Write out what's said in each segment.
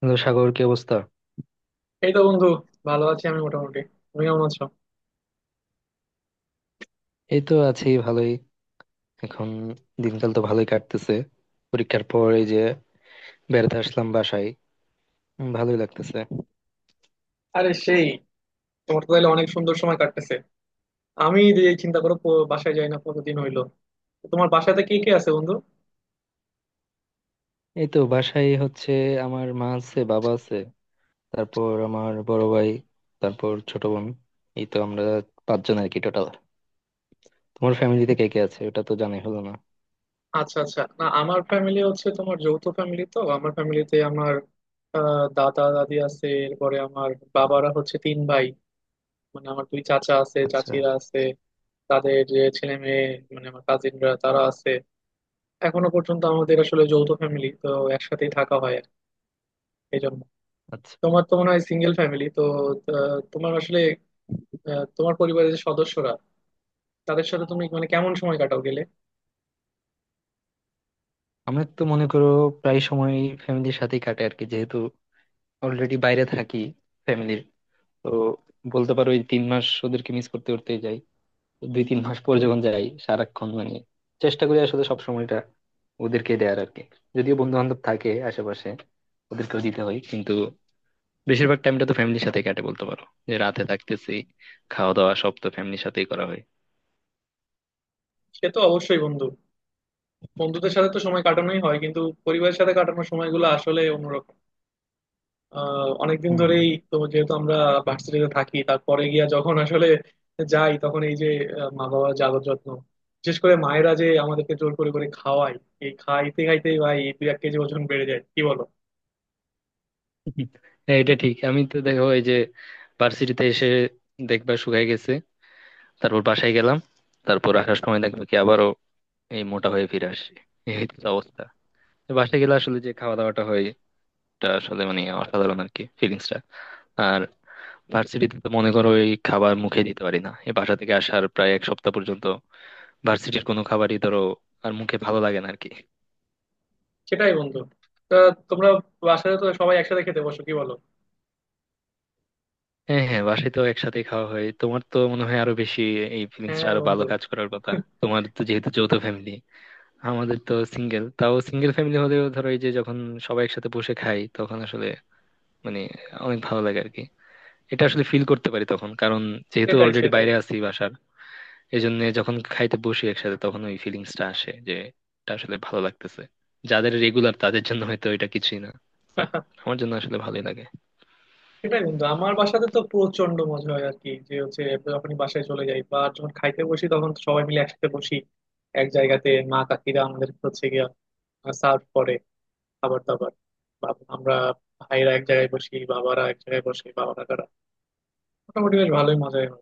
Hello Sagar, কি অবস্থা? এই তো বন্ধু, ভালো আছি আমি মোটামুটি। তুমি কেমন আছো? এই তো আছি ভালোই। এখন দিনকাল তো ভালোই কাটতেছে। পরীক্ষার পর এই যে বেড়াতে আসলাম বাসায়। ভালোই লাগতেছে। আরে সেই, তোমার তো তাহলে অনেক সুন্দর সময় কাটতেছে। আমি যে এই চিন্তা করো, বাসায় যাই না কতদিন হইলো। তো তোমার বাসাতে কে কে আছে বন্ধু? এই তো বাসায় হচ্ছে আমার মা আছে, বাবা আছে, তারপর আমার বড় ভাই, তারপর ছোট বোন। এই তো আমরা 5 জন আর কি টোটাল। তোমার ফ্যামিলিতে কে কে আছে, ওটা তো জানাই হলো না। আচ্ছা আচ্ছা, না আমার ফ্যামিলি হচ্ছে, তোমার যৌথ ফ্যামিলি, তো আমার ফ্যামিলিতে আমার দাদা দাদি আছে, এরপরে আমার বাবারা হচ্ছে তিন ভাই, মানে আমার দুই চাচা আছে, আচ্ছা চাচিরা আছে। তাদের যে ছেলে মেয়ে, মানে আমার কাজিনরা তারা আছে। এখনো পর্যন্ত আমাদের আসলে যৌথ ফ্যামিলি তো একসাথেই থাকা হয় আর কি। এই জন্য আচ্ছা। তোমার তো মনে হয় সিঙ্গেল ফ্যামিলি তো। তোমার আসলে তোমার পরিবারের যে সদস্যরা, তাদের সাথে তুমি মানে কেমন সময় কাটাও গেলে? আমার তো মনে করো প্রায় সময় ফ্যামিলির সাথেই কাটে আর কি, যেহেতু অলরেডি বাইরে থাকি ফ্যামিলির। তো বলতে পারো এই 3 মাস ওদেরকে মিস করতে করতেই যাই। দুই তিন মাস পর যখন যাই সারাক্ষণ মানে চেষ্টা করি আসলে সব সময়টা ওদেরকে দেয়ার আর কি। যদিও বন্ধু বান্ধব থাকে আশেপাশে, ওদেরকেও দিতে হয়, কিন্তু বেশিরভাগ টাইমটা তো ফ্যামিলির সাথে কাটে। বলতে পারো যে রাতে থাকতেছি, খাওয়া দাওয়া সব তো ফ্যামিলির সাথেই করা হয়। সে তো অবশ্যই বন্ধু। বন্ধুদের সাথে তো সময় কাটানোই হয় কিন্তু পরিবারের সাথে কাটানোর সময়গুলো আসলে অন্যরকম। অনেকদিন হম হম। ধরেই তো যেহেতু আমরা ভার্সিটিতে থাকি, তারপরে গিয়া যখন আসলে যাই তখন এই যে মা বাবার যে আদর যত্ন, বিশেষ করে মায়েরা যে আমাদেরকে জোর করে করে খাওয়ায়, এই খাইতে খাইতে ভাই দুই এক কেজি ওজন বেড়ে যায়, কি বলো? হ্যাঁ এটা ঠিক, আমি তো দেখো এই যে ভার্সিটিতে এসে দেখবা শুকায় গেছে, তারপর বাসায় গেলাম, তারপর আসার সময় দেখবো কি আবারও এই মোটা হয়ে ফিরে আসি। এই হচ্ছে অবস্থা। তো বাসায় গেলে আসলে যে খাওয়া দাওয়াটা হয়, এটা আসলে মানে অসাধারণ আর কি ফিলিংসটা। আর ভার্সিটিতে তো মনে করো এই খাবার মুখে দিতে পারি না এই বাসা থেকে আসার প্রায় এক সপ্তাহ পর্যন্ত। ভার্সিটির কোনো খাবারই ধরো আর মুখে ভালো লাগে না আর কি। সেটাই বন্ধু। তা তোমরা বাসায় তো সবাই একসাথে খেতে বসো কি বলো? হ্যাঁ হ্যাঁ, বাসায় তো একসাথে খাওয়া হয়। তোমার তো মনে হয় আরো বেশি এই ফিলিংসটা হ্যাঁ আরো ভালো বন্ধু। কাজ করার কথা। তোমার তো যেহেতু যৌথ ফ্যামিলি, আমাদের তো সিঙ্গেল। তাও সিঙ্গেল ফ্যামিলি হলেও ধরো এই যে যখন সবাই একসাথে বসে খাই তখন আসলে মানে অনেক ভালো লাগে আর কি। এটা আসলে ফিল করতে পারি তখন, কারণ যেহেতু সেটাই অলরেডি সেটাই। বাইরে আছি বাসার, এই জন্য যখন খাইতে বসি একসাথে তখন ওই ফিলিংসটা আসে যে এটা আসলে ভালো লাগতেছে। যাদের রেগুলার তাদের জন্য হয়তো এটা কিছুই না, বাট আমার জন্য আসলে ভালোই লাগে। সেটাই বন্ধু, আমার বাসাতে তো প্রচন্ড মজা হয় আর কি, যে হচ্ছে যখন বাসায় চলে যাই বা যখন খাইতে বসি তখন তো সবাই মিলে একসাথে বসি এক জায়গাতে। মা কাকিরা আমাদের হচ্ছে গিয়া সার্ভ করে খাবার দাবার, বা আমরা ভাইরা এক জায়গায় বসি, বাবারা এক জায়গায় বসে, বাবা কাকারা। মোটামুটি বেশ ভালোই মজাই হয়।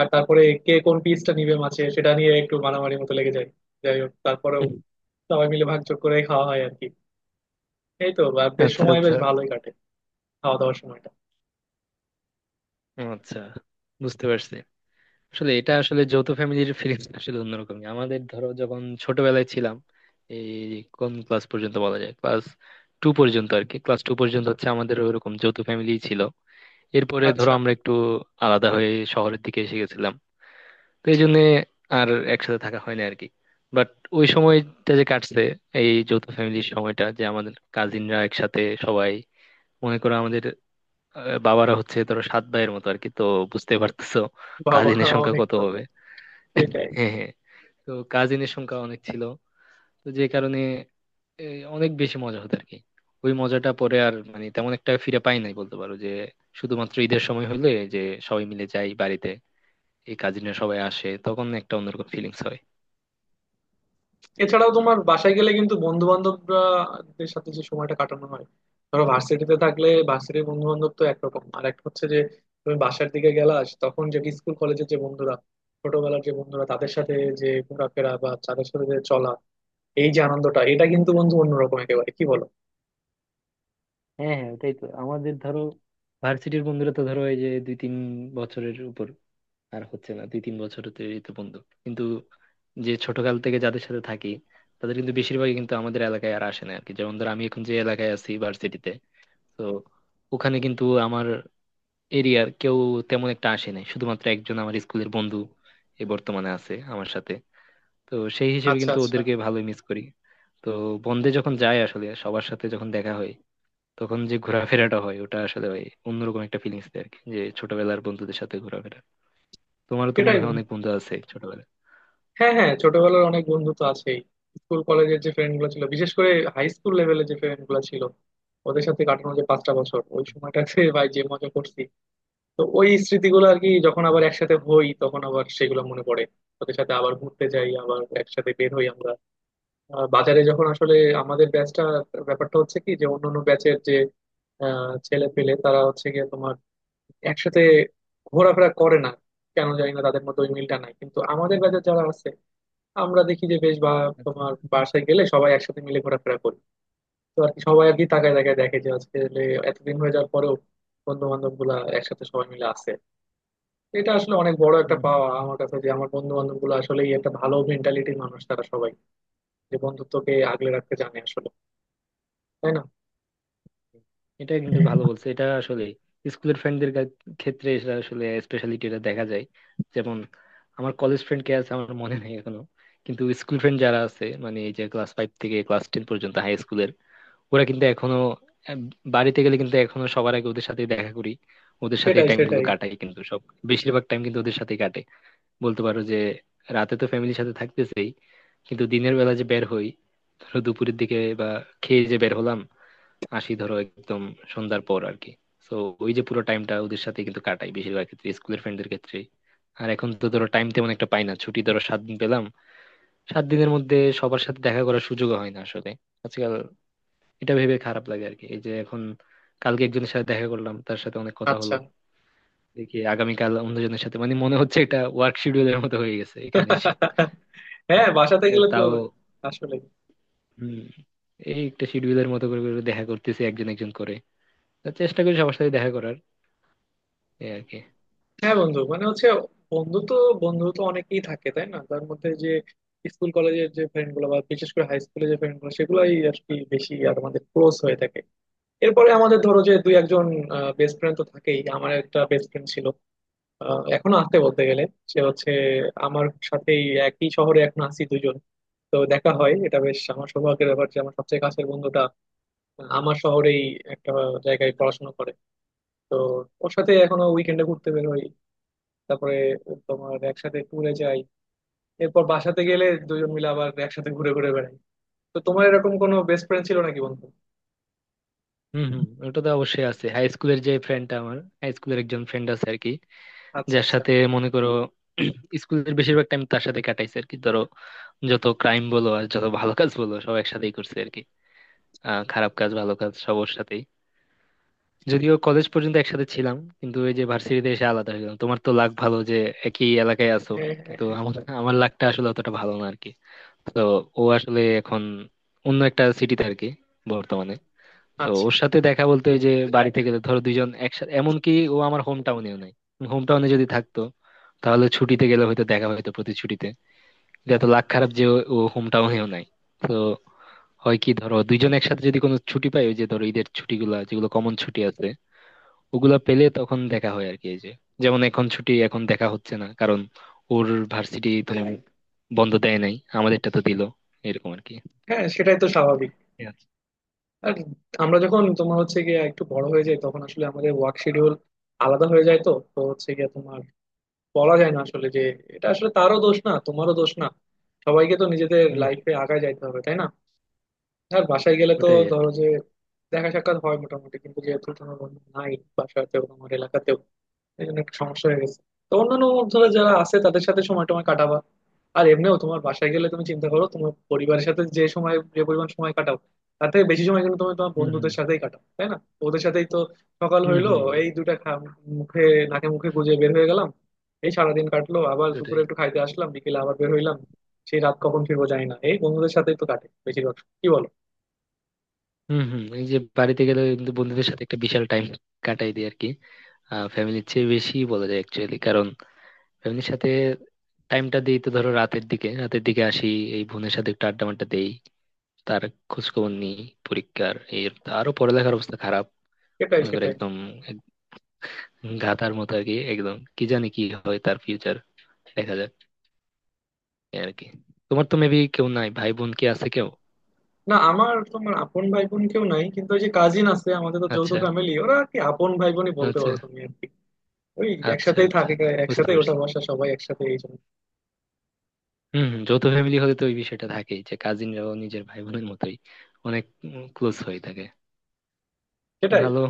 আর তারপরে কে কোন পিসটা নিবে মাছে সেটা নিয়ে একটু মারামারি মতো লেগে যায়। যাই হোক তারপরেও সবাই মিলে ভাগযোগ করে খাওয়া হয় আর কি। এই তো বা বেশ আচ্ছা সময় বেশ আচ্ছা। ভালোই কাটে, খাওয়া দাওয়ার সময়টা। ও আচ্ছা, বুঝতে পারছি। আসলে এটা আসলে যৌথ ফ্যামিলির ফিলিংস আসলে অন্যরকমই। আমাদের ধরো যখন ছোটবেলায় ছিলাম, এই কোন ক্লাস পর্যন্ত বলা যায়, ক্লাস টু পর্যন্ত আর কি। ক্লাস টু পর্যন্ত হচ্ছে আমাদের ওইরকম যৌথ ফ্যামিলি ছিল। এরপরে ধরো আচ্ছা। আমরা একটু আলাদা হয়ে শহরের দিকে এসে গেছিলাম। তো এই জন্য আর একসাথে থাকা হয় না আর কি। বাট ওই সময়টা যে কাটছে এই যৌথ ফ্যামিলির সময়টা, যে আমাদের কাজিনরা একসাথে সবাই, মনে করো আমাদের বাবারা হচ্ছে ধরো 7 ভাইয়ের মতো আর কি। তো বুঝতে পারতেছো বাবা। কাজিনের সংখ্যা অনেক কত তো। হবে। সেটাই। হ্যাঁ হ্যাঁ, তো কাজিনের সংখ্যা অনেক ছিল। তো যে কারণে এ, অনেক বেশি মজা হতো আর কি। ওই মজাটা পরে আর মানে তেমন একটা ফিরে পাই নাই। বলতে পারো যে শুধুমাত্র ঈদের সময় হলে যে সবাই মিলে যাই বাড়িতে, এই কাজিনরা সবাই আসে, তখন একটা অন্যরকম ফিলিংস হয়। এছাড়াও তোমার বাসায় গেলে কিন্তু বন্ধু বান্ধবরাদের সাথে যে সময়টা কাটানো হয়, ধরো ভার্সিটিতে থাকলে ভার্সিটির বন্ধু বান্ধব তো একরকম, আর এক হচ্ছে যে তুমি বাসার দিকে গেলা তখন যে স্কুল কলেজের যে বন্ধুরা, ছোটবেলার যে বন্ধুরা, তাদের সাথে যে ঘোরাফেরা বা তাদের সাথে যে চলা, এই যে আনন্দটা এটা কিন্তু বন্ধু অন্যরকম একেবারে, কি বলো? হ্যাঁ হ্যাঁ, ওটাই তো আমাদের। ধরো ভার্সিটির বন্ধুরা তো ধরো এই যে দুই তিন বছরের উপর আর হচ্ছে না, দুই তিন বছরের এই তো বন্ধু। কিন্তু যে ছোটকাল থেকে যাদের সাথে থাকি, তাদের কিন্তু বেশিরভাগই কিন্তু আমাদের এলাকায় আর আসে না আর কি। যেমন ধর আমি এখন যে এলাকায় আছি ভার্সিটিতে, তো ওখানে কিন্তু আমার এরিয়ার কেউ তেমন একটা আসে নাই। শুধুমাত্র একজন আমার স্কুলের বন্ধু এ বর্তমানে আছে আমার সাথে। তো সেই হিসেবে আচ্ছা কিন্তু আচ্ছা। ওদেরকে ভালোই মিস করি। তো বন্ধে যখন যাই আসলে সবার সাথে যখন দেখা হয় তখন যে ঘোরাফেরাটা হয় ওটা আসলে ভাই অন্যরকম একটা ফিলিংস দেয় আর কি, যে ছোটবেলার বন্ধুদের সাথে ঘোরাফেরা। তোমারও তো সেটাই। মনে হয় অনেক বন্ধু আছে ছোটবেলায়। হ্যাঁ হ্যাঁ, ছোটবেলার অনেক বন্ধু তো আছেই। স্কুল কলেজের যে ফ্রেন্ড গুলো ছিল, বিশেষ করে হাই স্কুল লেভেলের যে ফ্রেন্ড গুলো ছিল, ওদের সাথে কাটানো যে 5টা বছর, ওই সময়টাতে ভাই যে মজা করছি, তো ওই স্মৃতিগুলো আর কি, যখন হুম, আবার একসাথে হই তখন আবার সেগুলো মনে পড়ে। ওদের সাথে আবার ঘুরতে যাই, আবার একসাথে বের হই আমরা। বাজারে যখন আসলে আমাদের ব্যাচটা, ব্যাপারটা হচ্ছে কি, যে অন্যান্য ব্যাচের যে ছেলে পেলে তারা হচ্ছে গিয়ে তোমার একসাথে ঘোরাফেরা করে না। কেন জানি না তাদের মধ্যে ওই মিলটা নাই, কিন্তু আমাদের ব্যাচে যারা আছে আমরা দেখি যে বেশ বা আচ্ছা, তোমার বাসায় গেলে সবাই একসাথে মিলে ঘোরাফেরা করি। তো আর কি সবাই আর কি তাকায় তাকায় দেখে যে আজকে লে এতদিন হয়ে যাওয়ার পরেও বন্ধু বান্ধব গুলা একসাথে সবাই মিলে আছে। এটা আসলে অনেক বড় একটা হম। পাওয়া আমার কাছে, যে আমার বন্ধু বান্ধব গুলো আসলে একটা ভালো মেন্টালিটির মানুষ তারা সবাই, যে বন্ধুত্বকে আগলে রাখতে জানে আসলে, তাই না? এটা কিন্তু ভালো বলছে, এটা আসলে স্কুলের ফ্রেন্ডদের ক্ষেত্রে এটা আসলে স্পেশালিটি এটা দেখা যায়। যেমন আমার কলেজ ফ্রেন্ড কে আছে আমার মনে নেই এখনো, কিন্তু স্কুল ফ্রেন্ড যারা আছে মানে এই যে ক্লাস ফাইভ থেকে ক্লাস টেন পর্যন্ত হাই স্কুলের, ওরা কিন্তু এখনো আহ, বাড়িতে গেলে কিন্তু এখনো সবার আগে ওদের সাথে দেখা করি, ওদের সাথে সেটাই টাইম গুলো সেটাই। কাটাই। কিন্তু সব বেশিরভাগ টাইম কিন্তু ওদের সাথে কাটে। বলতে পারো যে রাতে তো ফ্যামিলির সাথে থাকতেছেই, কিন্তু দিনের বেলা যে বের হই ধরো দুপুরের দিকে বা খেয়ে যে বের হলাম, আসি ধরো একদম সন্ধ্যার পর আর কি। তো ওই যে পুরো টাইমটা ওদের সাথে কিন্তু কাটাই বেশিরভাগ ক্ষেত্রে স্কুলের ফ্রেন্ডদের ক্ষেত্রে। আর এখন তো ধরো টাইম তেমন একটা পাই না। ছুটি ধরো 7 দিন পেলাম, 7 দিনের মধ্যে সবার সাথে দেখা করার সুযোগ হয় না আসলে আজকাল। এটা ভেবে খারাপ লাগে আর কি এই যে এখন কালকে একজনের সাথে দেখা করলাম, তার সাথে অনেক কথা আচ্ছা। হলো, দেখি আগামীকাল অন্যজনের সাথে। মানে মনে হচ্ছে এটা ওয়ার্ক শিডিউলের মতো হয়ে গেছে এখানে এসে। হ্যাঁ বাসাতে এ গেলে তো তাও আসলে। হম। এই একটা শিডিউলের মতো করে করে দেখা করতেছি একজন একজন করে। তা চেষ্টা করি সবার সাথে দেখা করার, এই আর কি। হ্যাঁ বন্ধু, মানে হচ্ছে বন্ধু তো, অনেকেই থাকে তাই না, তার মধ্যে যে স্কুল কলেজের যে ফ্রেন্ড গুলো বা বিশেষ করে হাই স্কুলের যে ফ্রেন্ড গুলো সেগুলাই আর কি বেশি আর আমাদের ক্লোজ হয়ে থাকে। এরপরে আমাদের ধরো যে দুই একজন বেস্ট ফ্রেন্ড তো থাকেই। আমার একটা বেস্ট ফ্রেন্ড ছিল, এখনো আছে বলতে গেলে। সে হচ্ছে আমার সাথেই একই শহরে এখন আছি দুজন। তো দেখা হয়, এটা বেশ আমার সৌভাগ্যের ব্যাপার যে আমার সবচেয়ে কাছের বন্ধুটা আমার শহরেই একটা জায়গায় পড়াশোনা করে। তো ওর সাথে এখনো উইকেন্ডে ঘুরতে বের হই, তারপরে তোমার একসাথে ট্যুরে যাই, এরপর বাসাতে গেলে দুজন মিলে আবার একসাথে ঘুরে ঘুরে বেড়াই। তো তোমার এরকম কোনো বেস্ট ফ্রেন্ড ছিল নাকি বন্ধু? হম হম, ওটা তো অবশ্যই আছে। হাই স্কুলের যে ফ্রেন্ডটা, আমার হাই স্কুলের একজন ফ্রেন্ড আছে আর কি, আচ্ছা যার আচ্ছা। সাথে মনে করো স্কুলের বেশিরভাগ টাইম তার সাথে কাটাইছে আর কি। ধরো যত ক্রাইম বলো আর যত ভালো কাজ বলো সব একসাথেই করছে আর কি। আহ, খারাপ কাজ ভালো কাজ সব ওর সাথেই। যদিও কলেজ পর্যন্ত একসাথে ছিলাম, কিন্তু ওই যে ভার্সিটিতে এসে আলাদা হয়ে গেলাম। তোমার তো লাক ভালো যে একই এলাকায় আছো, হ্যাঁ হ্যাঁ কিন্তু হ্যাঁ। আমার আমার লাকটা আসলে অতটা ভালো না আর কি। তো ও আসলে এখন অন্য একটা সিটিতে আর কি বর্তমানে। তো আচ্ছা। ওর সাথে দেখা বলতে ওই যে বাড়ি থেকে ধরো 2 জন একসাথে। এমনকি ও আমার হোম টাউনেও নাই। হোম টাউনে যদি থাকতো তাহলে ছুটিতে গেলে হয়তো দেখা, হয়তো প্রতি ছুটিতে। এটা তো লাখ খারাপ যে ও হোম টাউনেও নাই। তো হয় কি ধরো 2 জন একসাথে যদি কোনো ছুটি পাই, ওই যে ধরো ঈদের ছুটিগুলা যেগুলো কমন ছুটি আছে ওগুলা পেলে তখন দেখা হয় আর কি। এই যে যেমন এখন ছুটি এখন দেখা হচ্ছে না, কারণ ওর ভার্সিটি তো বন্ধ দেয় নাই, আমাদেরটা তো দিল। এরকম আর কি। হ্যাঁ সেটাই তো স্বাভাবিক। আর আমরা যখন তোমার হচ্ছে গিয়ে একটু বড় হয়ে যাই তখন আসলে আমাদের ওয়ার্ক শিডিউল আলাদা হয়ে যায়, তো তো হচ্ছে গিয়ে তোমার বলা যায় না আসলে যে, এটা আসলে তারও দোষ না তোমারও দোষ না, সবাইকে তো নিজেদের হুম। লাইফে আগায় যাইতে হবে তাই না? আর বাসায় গেলে তো ওটাই আর ধরো কি। যে দেখা সাক্ষাৎ হয় মোটামুটি, কিন্তু যেহেতু তোমার বন্ধু নাই বাসাতেও, তোমার এলাকাতেও, এই জন্য একটু সমস্যা হয়ে গেছে। তো অন্যান্য বন্ধুরা যারা আছে তাদের সাথে সময় টময় কাটাবা। আর এমনিও তোমার বাসায় গেলে তুমি চিন্তা করো, তোমার পরিবারের সাথে যে সময় যে পরিমাণ সময় কাটাও, তার থেকে বেশি সময় কিন্তু তুমি তোমার হুম হুম। বন্ধুদের সাথেই কাটাও তাই না? ওদের সাথেই তো। সকাল হুম হইলো, হুম, এই দুটা মুখে নাকে মুখে গুজে বের হয়ে গেলাম, এই সারাদিন কাটলো, আবার ওটাই। দুপুরে একটু খাইতে আসলাম, বিকেলে আবার বের হইলাম, সেই রাত কখন ফিরবো জানি না, এই বন্ধুদের সাথেই তো কাটে বেশিরভাগ সময়। কি বলো? হুম হুম, এই যে বাড়িতে গেলে কিন্তু বন্ধুদের সাথে একটা বিশাল টাইম কাটাই দিই আর কি। আহ, ফ্যামিলির চেয়ে বেশি বলা যায় অ্যাকচুয়ালি। কারণ ফ্যামিলির সাথে টাইমটা দিই তো ধরো রাতের দিকে আসি, এই বোনের সাথে একটু আড্ডা মাড্ডা দেই, তার খোঁজ খবর নিই। পরীক্ষার এর আরো পড়ালেখার অবস্থা খারাপ। এটাই মনে করো সেটাই। একদম এক- গাধার মতো আর কি একদম। কি জানি কি হয় তার ফিউচার, দেখা যাক, এই আর কি। তোমার তো মেবি কেউ নাই, ভাই বোন কি আছে কেউ? না আমার তোমার আপন ভাই বোন কেউ নাই কিন্তু ওই যে কাজিন আছে, আমাদের তো যৌথ আচ্ছা ফ্যামিলি, ওরা আর কি আপন ভাই বোনই বলতে আচ্ছা। পারো তুমি আর কি। ওই আচ্ছা একসাথেই আচ্ছা, থাকে, বুঝতে একসাথে ওটা পারছি। বসা, সবাই একসাথে, এই জন্য হম হম, যৌথ ফ্যামিলি হলে তো ওই বিষয়টা থাকেই যে কাজিনরাও নিজের ভাই বোনের মতোই অনেক ক্লোজ হয়ে থাকে। সেটাই। ভালো।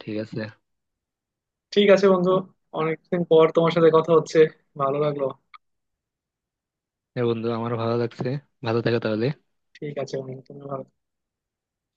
ঠিক আছে। ঠিক আছে বন্ধু, অনেকদিন পর তোমার সাথে কথা হচ্ছে, ভালো লাগলো। হ্যাঁ বন্ধু, আমারও ভালো লাগছে। ভালো থাকো তাহলে। ঠিক আছে বন্ধু তুমি ভালো।